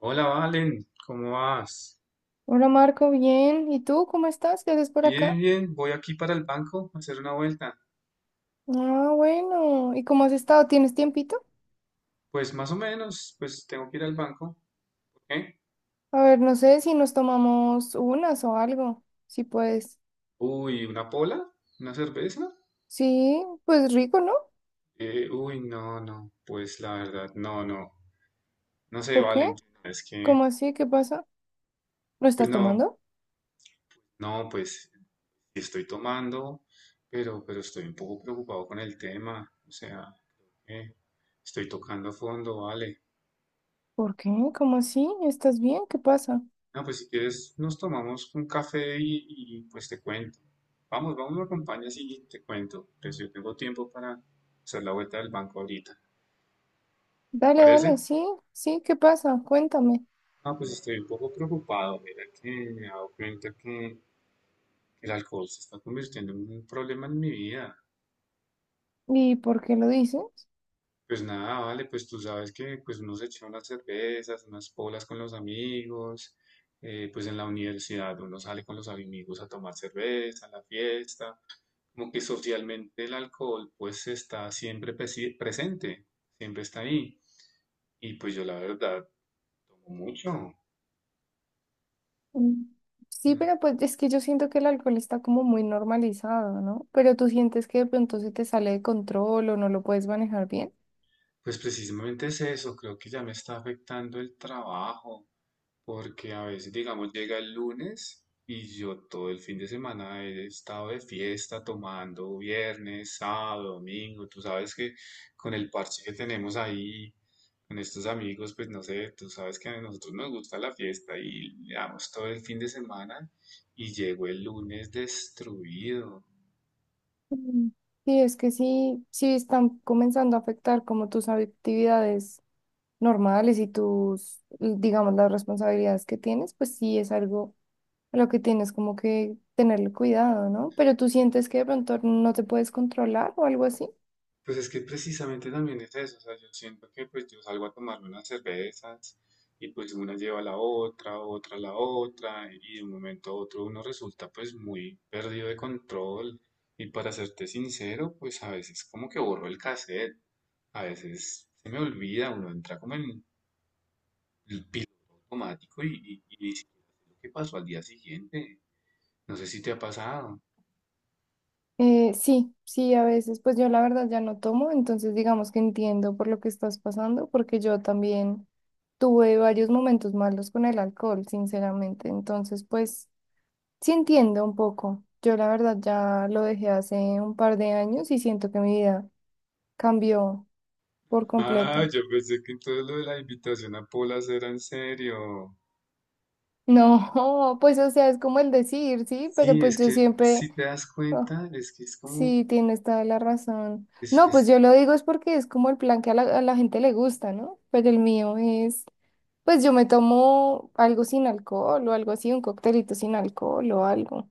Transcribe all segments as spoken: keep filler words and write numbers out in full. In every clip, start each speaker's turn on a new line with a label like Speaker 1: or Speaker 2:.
Speaker 1: Hola, Valen, ¿cómo vas?
Speaker 2: Hola Marco, bien. ¿Y tú cómo estás? ¿Qué haces por
Speaker 1: Bien,
Speaker 2: acá?
Speaker 1: bien, voy aquí para el banco a hacer una vuelta.
Speaker 2: Ah, bueno. ¿Y cómo has estado? ¿Tienes tiempito?
Speaker 1: Pues más o menos, pues tengo que ir al banco. ¿Por qué?
Speaker 2: A ver, no sé si nos tomamos unas o algo. Si puedes.
Speaker 1: Uy, ¿una pola? ¿Una cerveza?
Speaker 2: Sí, pues rico, ¿no?
Speaker 1: Eh, uy, no, no, pues la verdad, no, no. No sé,
Speaker 2: ¿Por qué?
Speaker 1: Valen, es que,
Speaker 2: ¿Cómo así? ¿Qué pasa? ¿No
Speaker 1: pues
Speaker 2: estás
Speaker 1: no,
Speaker 2: tomando?
Speaker 1: no, pues sí estoy tomando, pero, pero estoy un poco preocupado con el tema. O sea, creo que estoy tocando fondo, Vale.
Speaker 2: ¿Por qué? ¿Cómo así? ¿Estás bien? ¿Qué pasa?
Speaker 1: No, pues si quieres nos tomamos un café y, y, pues te cuento. Vamos, vamos, me acompañas y te cuento. Pues yo tengo tiempo para hacer la vuelta del banco ahorita. ¿Te
Speaker 2: Dale,
Speaker 1: parece?
Speaker 2: dale, sí, sí, ¿qué pasa? Cuéntame.
Speaker 1: Ah, pues estoy un poco preocupado. Mira que me he dado cuenta que el alcohol se está convirtiendo en un problema en mi vida.
Speaker 2: ¿Y por qué lo dices?
Speaker 1: Pues nada, vale, pues tú sabes que pues uno se echa unas cervezas, unas polas con los amigos. Eh, pues en la universidad uno sale con los amigos a tomar cerveza, a la fiesta. Como que socialmente el alcohol pues está siempre presi- presente, siempre está ahí. Y pues yo la verdad tomo mucho.
Speaker 2: Mm. Sí,
Speaker 1: ¿No?
Speaker 2: pero pues es que yo siento que el alcohol está como muy normalizado, ¿no? Pero tú sientes que de pronto se te sale de control o no lo puedes manejar bien.
Speaker 1: Pues precisamente es eso, creo que ya me está afectando el trabajo. Porque a veces, digamos, llega el lunes y yo todo el fin de semana he estado de fiesta tomando viernes, sábado, domingo. Tú sabes que con el parche que tenemos ahí, con estos amigos, pues no sé, tú sabes que a nosotros nos gusta la fiesta y le damos todo el fin de semana y llego el lunes destruido.
Speaker 2: Mm. Sí, es que sí, sí están comenzando a afectar como tus actividades normales y tus, digamos, las responsabilidades que tienes, pues sí es algo a lo que tienes como que tenerle cuidado, ¿no? Pero tú sientes que de pronto no te puedes controlar o algo así.
Speaker 1: Pues es que precisamente también es eso, o sea, yo siento que pues yo salgo a tomarme unas cervezas y pues una lleva a la otra, otra a la otra y de un momento a otro uno resulta pues muy perdido de control y para serte sincero pues a veces como que borro el cassette, a veces se me olvida, uno entra como en el piloto automático y, y, y ni siquiera sé lo que pasó al día siguiente, no sé si te ha pasado.
Speaker 2: Eh, sí, sí, a veces, pues yo la verdad ya no tomo, entonces digamos que entiendo por lo que estás pasando, porque yo también tuve varios momentos malos con el alcohol, sinceramente, entonces pues sí entiendo un poco. Yo la verdad ya lo dejé hace un par de años y siento que mi vida cambió por
Speaker 1: Ah,
Speaker 2: completo.
Speaker 1: yo pensé que todo lo de la invitación a Polas era en serio.
Speaker 2: No, pues o sea, es como el decir, sí, pero
Speaker 1: Sí,
Speaker 2: pues
Speaker 1: es
Speaker 2: yo
Speaker 1: que
Speaker 2: siempre...
Speaker 1: si te das
Speaker 2: Ah,
Speaker 1: cuenta, es que es como,
Speaker 2: sí, tienes toda la razón.
Speaker 1: es,
Speaker 2: No, pues
Speaker 1: es-
Speaker 2: yo lo digo es porque es como el plan que a la, a la gente le gusta, ¿no? Pero el mío es, pues yo me tomo algo sin alcohol o algo así, un coctelito sin alcohol o algo.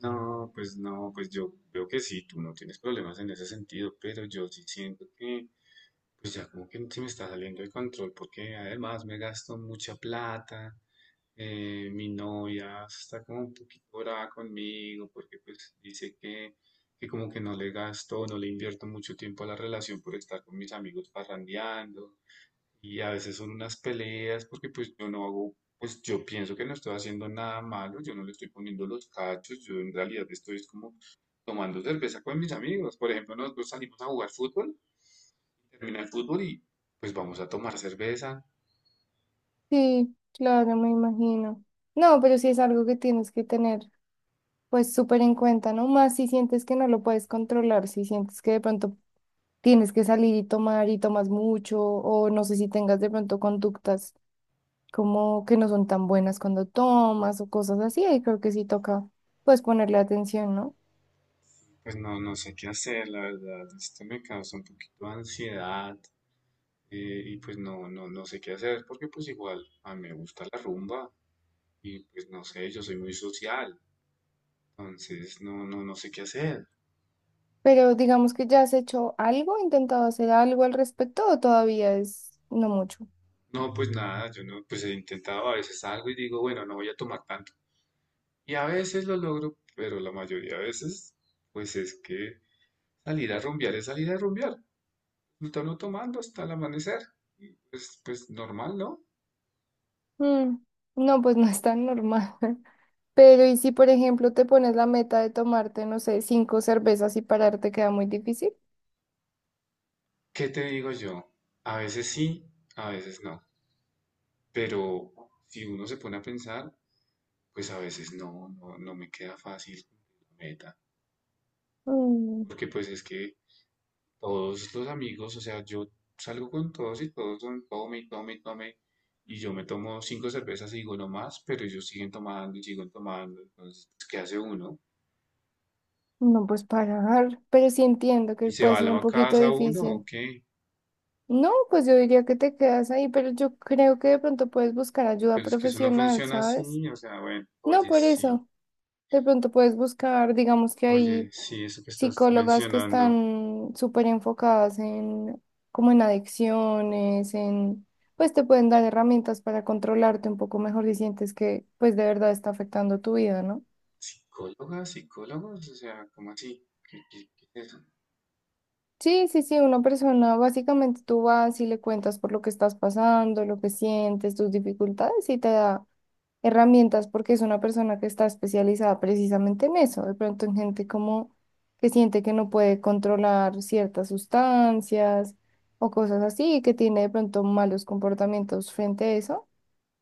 Speaker 1: no, pues no, pues yo veo que sí, tú no tienes problemas en ese sentido, pero yo sí siento que, pues ya como que se me está saliendo de control, porque además me gasto mucha plata, eh, mi novia está como un poquito brava conmigo, porque pues dice que, que como que no le gasto, no le invierto mucho tiempo a la relación por estar con mis amigos parrandeando. Y a veces son unas peleas porque pues yo no hago, pues yo pienso que no estoy haciendo nada malo, yo no le estoy poniendo los cachos, yo en realidad estoy es como tomando cerveza con mis amigos. Por ejemplo, nosotros salimos a jugar fútbol, termina el fútbol y pues vamos a tomar cerveza.
Speaker 2: Sí, claro, me imagino. No, pero sí es algo que tienes que tener pues súper en cuenta, ¿no? Más si sientes que no lo puedes controlar, si sientes que de pronto tienes que salir y tomar y tomas mucho o no sé si tengas de pronto conductas como que no son tan buenas cuando tomas o cosas así, ahí creo que sí toca pues ponerle atención, ¿no?
Speaker 1: Pues no, no sé qué hacer, la verdad, esto me causa un poquito de ansiedad eh, y pues no, no, no sé qué hacer porque pues igual a mí me gusta la rumba y pues no sé, yo soy muy social, entonces no, no, no sé qué hacer.
Speaker 2: Pero digamos que ya has hecho algo, intentado hacer algo al respecto o todavía es no mucho.
Speaker 1: No, pues nada, yo no, pues he intentado a veces algo y digo, bueno, no voy a tomar tanto. Y a veces lo logro, pero la mayoría de veces, pues es que salir a rumbear es salir a rumbear. No está uno no tomando hasta el amanecer. Y pues, pues normal, ¿no?
Speaker 2: Mm, no, pues no es tan normal. Pero ¿y si por ejemplo te pones la meta de tomarte, no sé, cinco cervezas y pararte queda muy difícil?
Speaker 1: ¿Qué te digo yo? A veces sí, a veces no. Pero si uno se pone a pensar, pues a veces no, no, no me queda fácil cumplir la meta.
Speaker 2: Mm,
Speaker 1: Porque pues es que todos los amigos, o sea, yo salgo con todos y todos son tome y tome y tome. Y yo me tomo cinco cervezas y digo no más, pero ellos siguen tomando y siguen tomando. Entonces, pues, ¿qué hace uno?
Speaker 2: no, pues parar, pero sí entiendo
Speaker 1: ¿Y
Speaker 2: que
Speaker 1: se va
Speaker 2: puede
Speaker 1: a
Speaker 2: ser un
Speaker 1: la
Speaker 2: poquito
Speaker 1: casa uno o
Speaker 2: difícil.
Speaker 1: qué?
Speaker 2: No, pues yo diría que te quedas ahí, pero yo creo que de pronto puedes buscar ayuda
Speaker 1: Pero es que eso no
Speaker 2: profesional,
Speaker 1: funciona así.
Speaker 2: ¿sabes?
Speaker 1: O sea, bueno,
Speaker 2: No,
Speaker 1: oye,
Speaker 2: por
Speaker 1: sí,
Speaker 2: eso. De pronto puedes buscar, digamos que
Speaker 1: oye,
Speaker 2: hay
Speaker 1: sí, eso que estás
Speaker 2: psicólogas que
Speaker 1: mencionando.
Speaker 2: están súper enfocadas en, como en adicciones, en, pues te pueden dar herramientas para controlarte un poco mejor si sientes que, pues de verdad está afectando tu vida, ¿no?
Speaker 1: ¿Psicólogas, psicólogos? O sea, ¿cómo así? ¿Qué, qué- ¿qué es eso?
Speaker 2: Sí, sí, sí, una persona, básicamente tú vas y le cuentas por lo que estás pasando, lo que sientes, tus dificultades y te da herramientas porque es una persona que está especializada precisamente en eso, de pronto en gente como que siente que no puede controlar ciertas sustancias o cosas así, que tiene de pronto malos comportamientos frente a eso.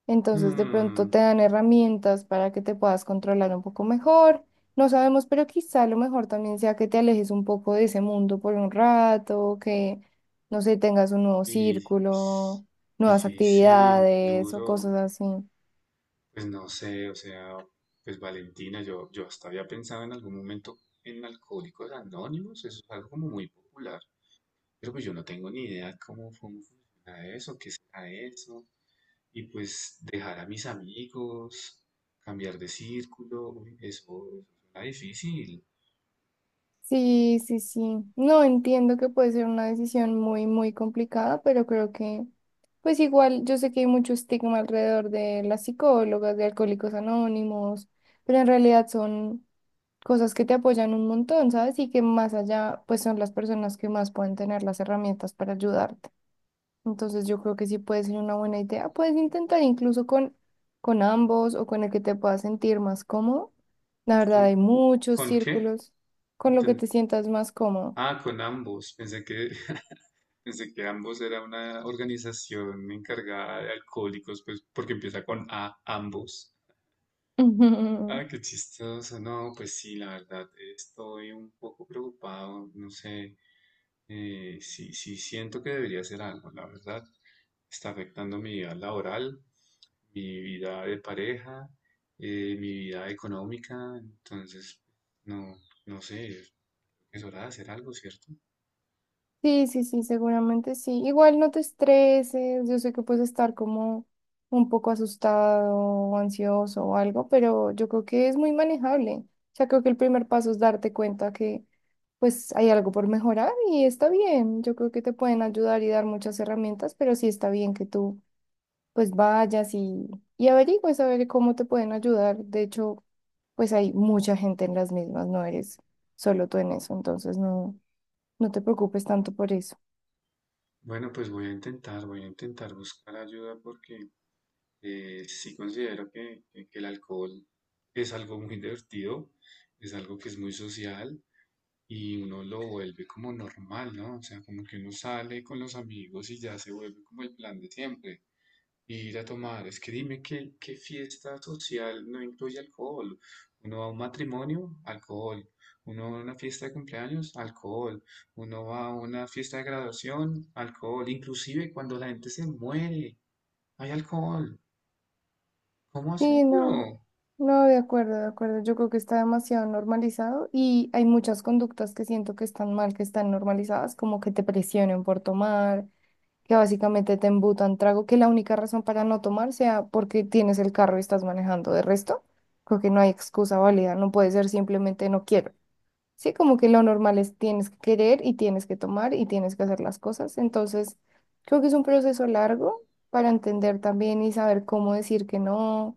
Speaker 2: Entonces, de pronto
Speaker 1: Hmm,
Speaker 2: te dan herramientas para que te puedas controlar un poco mejor. No sabemos, pero quizá lo mejor también sea que te alejes un poco de ese mundo por un rato, que, no sé, tengas un nuevo
Speaker 1: y
Speaker 2: círculo, nuevas
Speaker 1: difícil,
Speaker 2: actividades o
Speaker 1: duro.
Speaker 2: cosas así.
Speaker 1: Pues no sé, o sea, pues Valentina, yo, yo hasta había pensado en algún momento en Alcohólicos Anónimos, eso es algo como muy popular, pero pues yo no tengo ni idea cómo, cómo funciona eso, qué será eso, y pues dejar a mis amigos, cambiar de círculo, uy, eso, eso suena difícil.
Speaker 2: Sí, sí, sí. No entiendo que puede ser una decisión muy, muy complicada, pero creo que, pues igual, yo sé que hay mucho estigma alrededor de las psicólogas, de Alcohólicos Anónimos, pero en realidad son cosas que te apoyan un montón, ¿sabes? Y que más allá, pues son las personas que más pueden tener las herramientas para ayudarte. Entonces yo creo que sí puede ser una buena idea. Puedes intentar incluso con, con ambos o con el que te puedas sentir más cómodo. La
Speaker 1: ¿Con,
Speaker 2: verdad, hay muchos
Speaker 1: con qué?
Speaker 2: círculos con lo que
Speaker 1: Enten-
Speaker 2: te sientas más cómodo.
Speaker 1: Ah, con ambos, pensé que, pensé que ambos era una organización encargada de alcohólicos, pues porque empieza con A, ambos. Ah, qué chistoso. No, pues sí, la verdad, estoy un poco preocupado. No sé, eh, sí, sí siento que debería hacer algo, la verdad. Está afectando mi vida laboral, mi vida de pareja, eh, mi vida económica. Entonces, no, no sé, es hora de hacer algo, ¿cierto?
Speaker 2: Sí, sí, sí, seguramente sí. Igual no te estreses, yo sé que puedes estar como un poco asustado o ansioso o algo, pero yo creo que es muy manejable. O sea, creo que el primer paso es darte cuenta que pues hay algo por mejorar y está bien. Yo creo que te pueden ayudar y dar muchas herramientas, pero sí está bien que tú pues vayas y, y averigües a ver cómo te pueden ayudar. De hecho, pues hay mucha gente en las mismas, no eres solo tú en eso, entonces no, no te preocupes tanto por eso.
Speaker 1: Bueno, pues voy a intentar, voy a intentar buscar ayuda porque eh, sí considero que, que que el alcohol es algo muy divertido, es algo que es muy social y uno lo vuelve como normal, ¿no? O sea, como que uno sale con los amigos y ya se vuelve como el plan de siempre. Ir a tomar, es que dime qué, qué fiesta social no incluye alcohol. Uno va a un matrimonio, alcohol. Uno va a una fiesta de cumpleaños, alcohol. Uno va a una fiesta de graduación, alcohol. Inclusive cuando la gente se muere, hay alcohol. ¿Cómo hace
Speaker 2: Sí, no,
Speaker 1: uno?
Speaker 2: no, de acuerdo, de acuerdo. Yo creo que está demasiado normalizado y hay muchas conductas que siento que están mal, que están normalizadas, como que te presionen por tomar, que básicamente te embutan trago, que la única razón para no tomar sea porque tienes el carro y estás manejando. De resto, creo que no hay excusa válida, no puede ser simplemente no quiero. Sí, como que lo normal es tienes que querer y tienes que tomar y tienes que hacer las cosas. Entonces, creo que es un proceso largo para entender también y saber cómo decir que no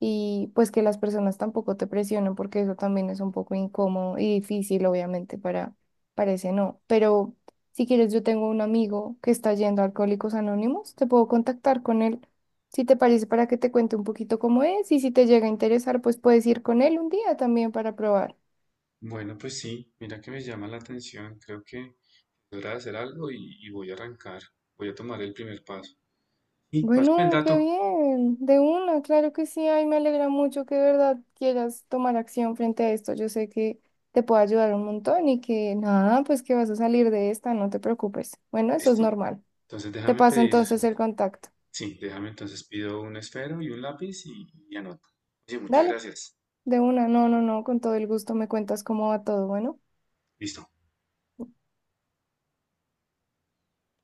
Speaker 2: y pues que las personas tampoco te presionen porque eso también es un poco incómodo y difícil, obviamente, para, para ese no. Pero si quieres, yo tengo un amigo que está yendo a Alcohólicos Anónimos, te puedo contactar con él. Si te parece, para que te cuente un poquito cómo es y si te llega a interesar, pues puedes ir con él un día también para probar.
Speaker 1: Bueno, pues sí, mira que me llama la atención. Creo que podrá hacer algo y, y voy a arrancar. Voy a tomar el primer paso. Y pásame el
Speaker 2: Bueno, qué
Speaker 1: dato.
Speaker 2: bien, de una, claro que sí, ay, me alegra mucho que de verdad quieras tomar acción frente a esto. Yo sé que te puedo ayudar un montón y que nada, pues que vas a salir de esta, no te preocupes. Bueno, eso es
Speaker 1: Listo.
Speaker 2: normal.
Speaker 1: Entonces
Speaker 2: Te
Speaker 1: déjame
Speaker 2: paso
Speaker 1: pedir.
Speaker 2: entonces el contacto.
Speaker 1: Sí, déjame entonces pido un esfero y un lápiz y, y anoto. Oye, muchas
Speaker 2: Dale,
Speaker 1: gracias.
Speaker 2: de una, no, no, no, con todo el gusto me cuentas cómo va todo, bueno.
Speaker 1: Listo.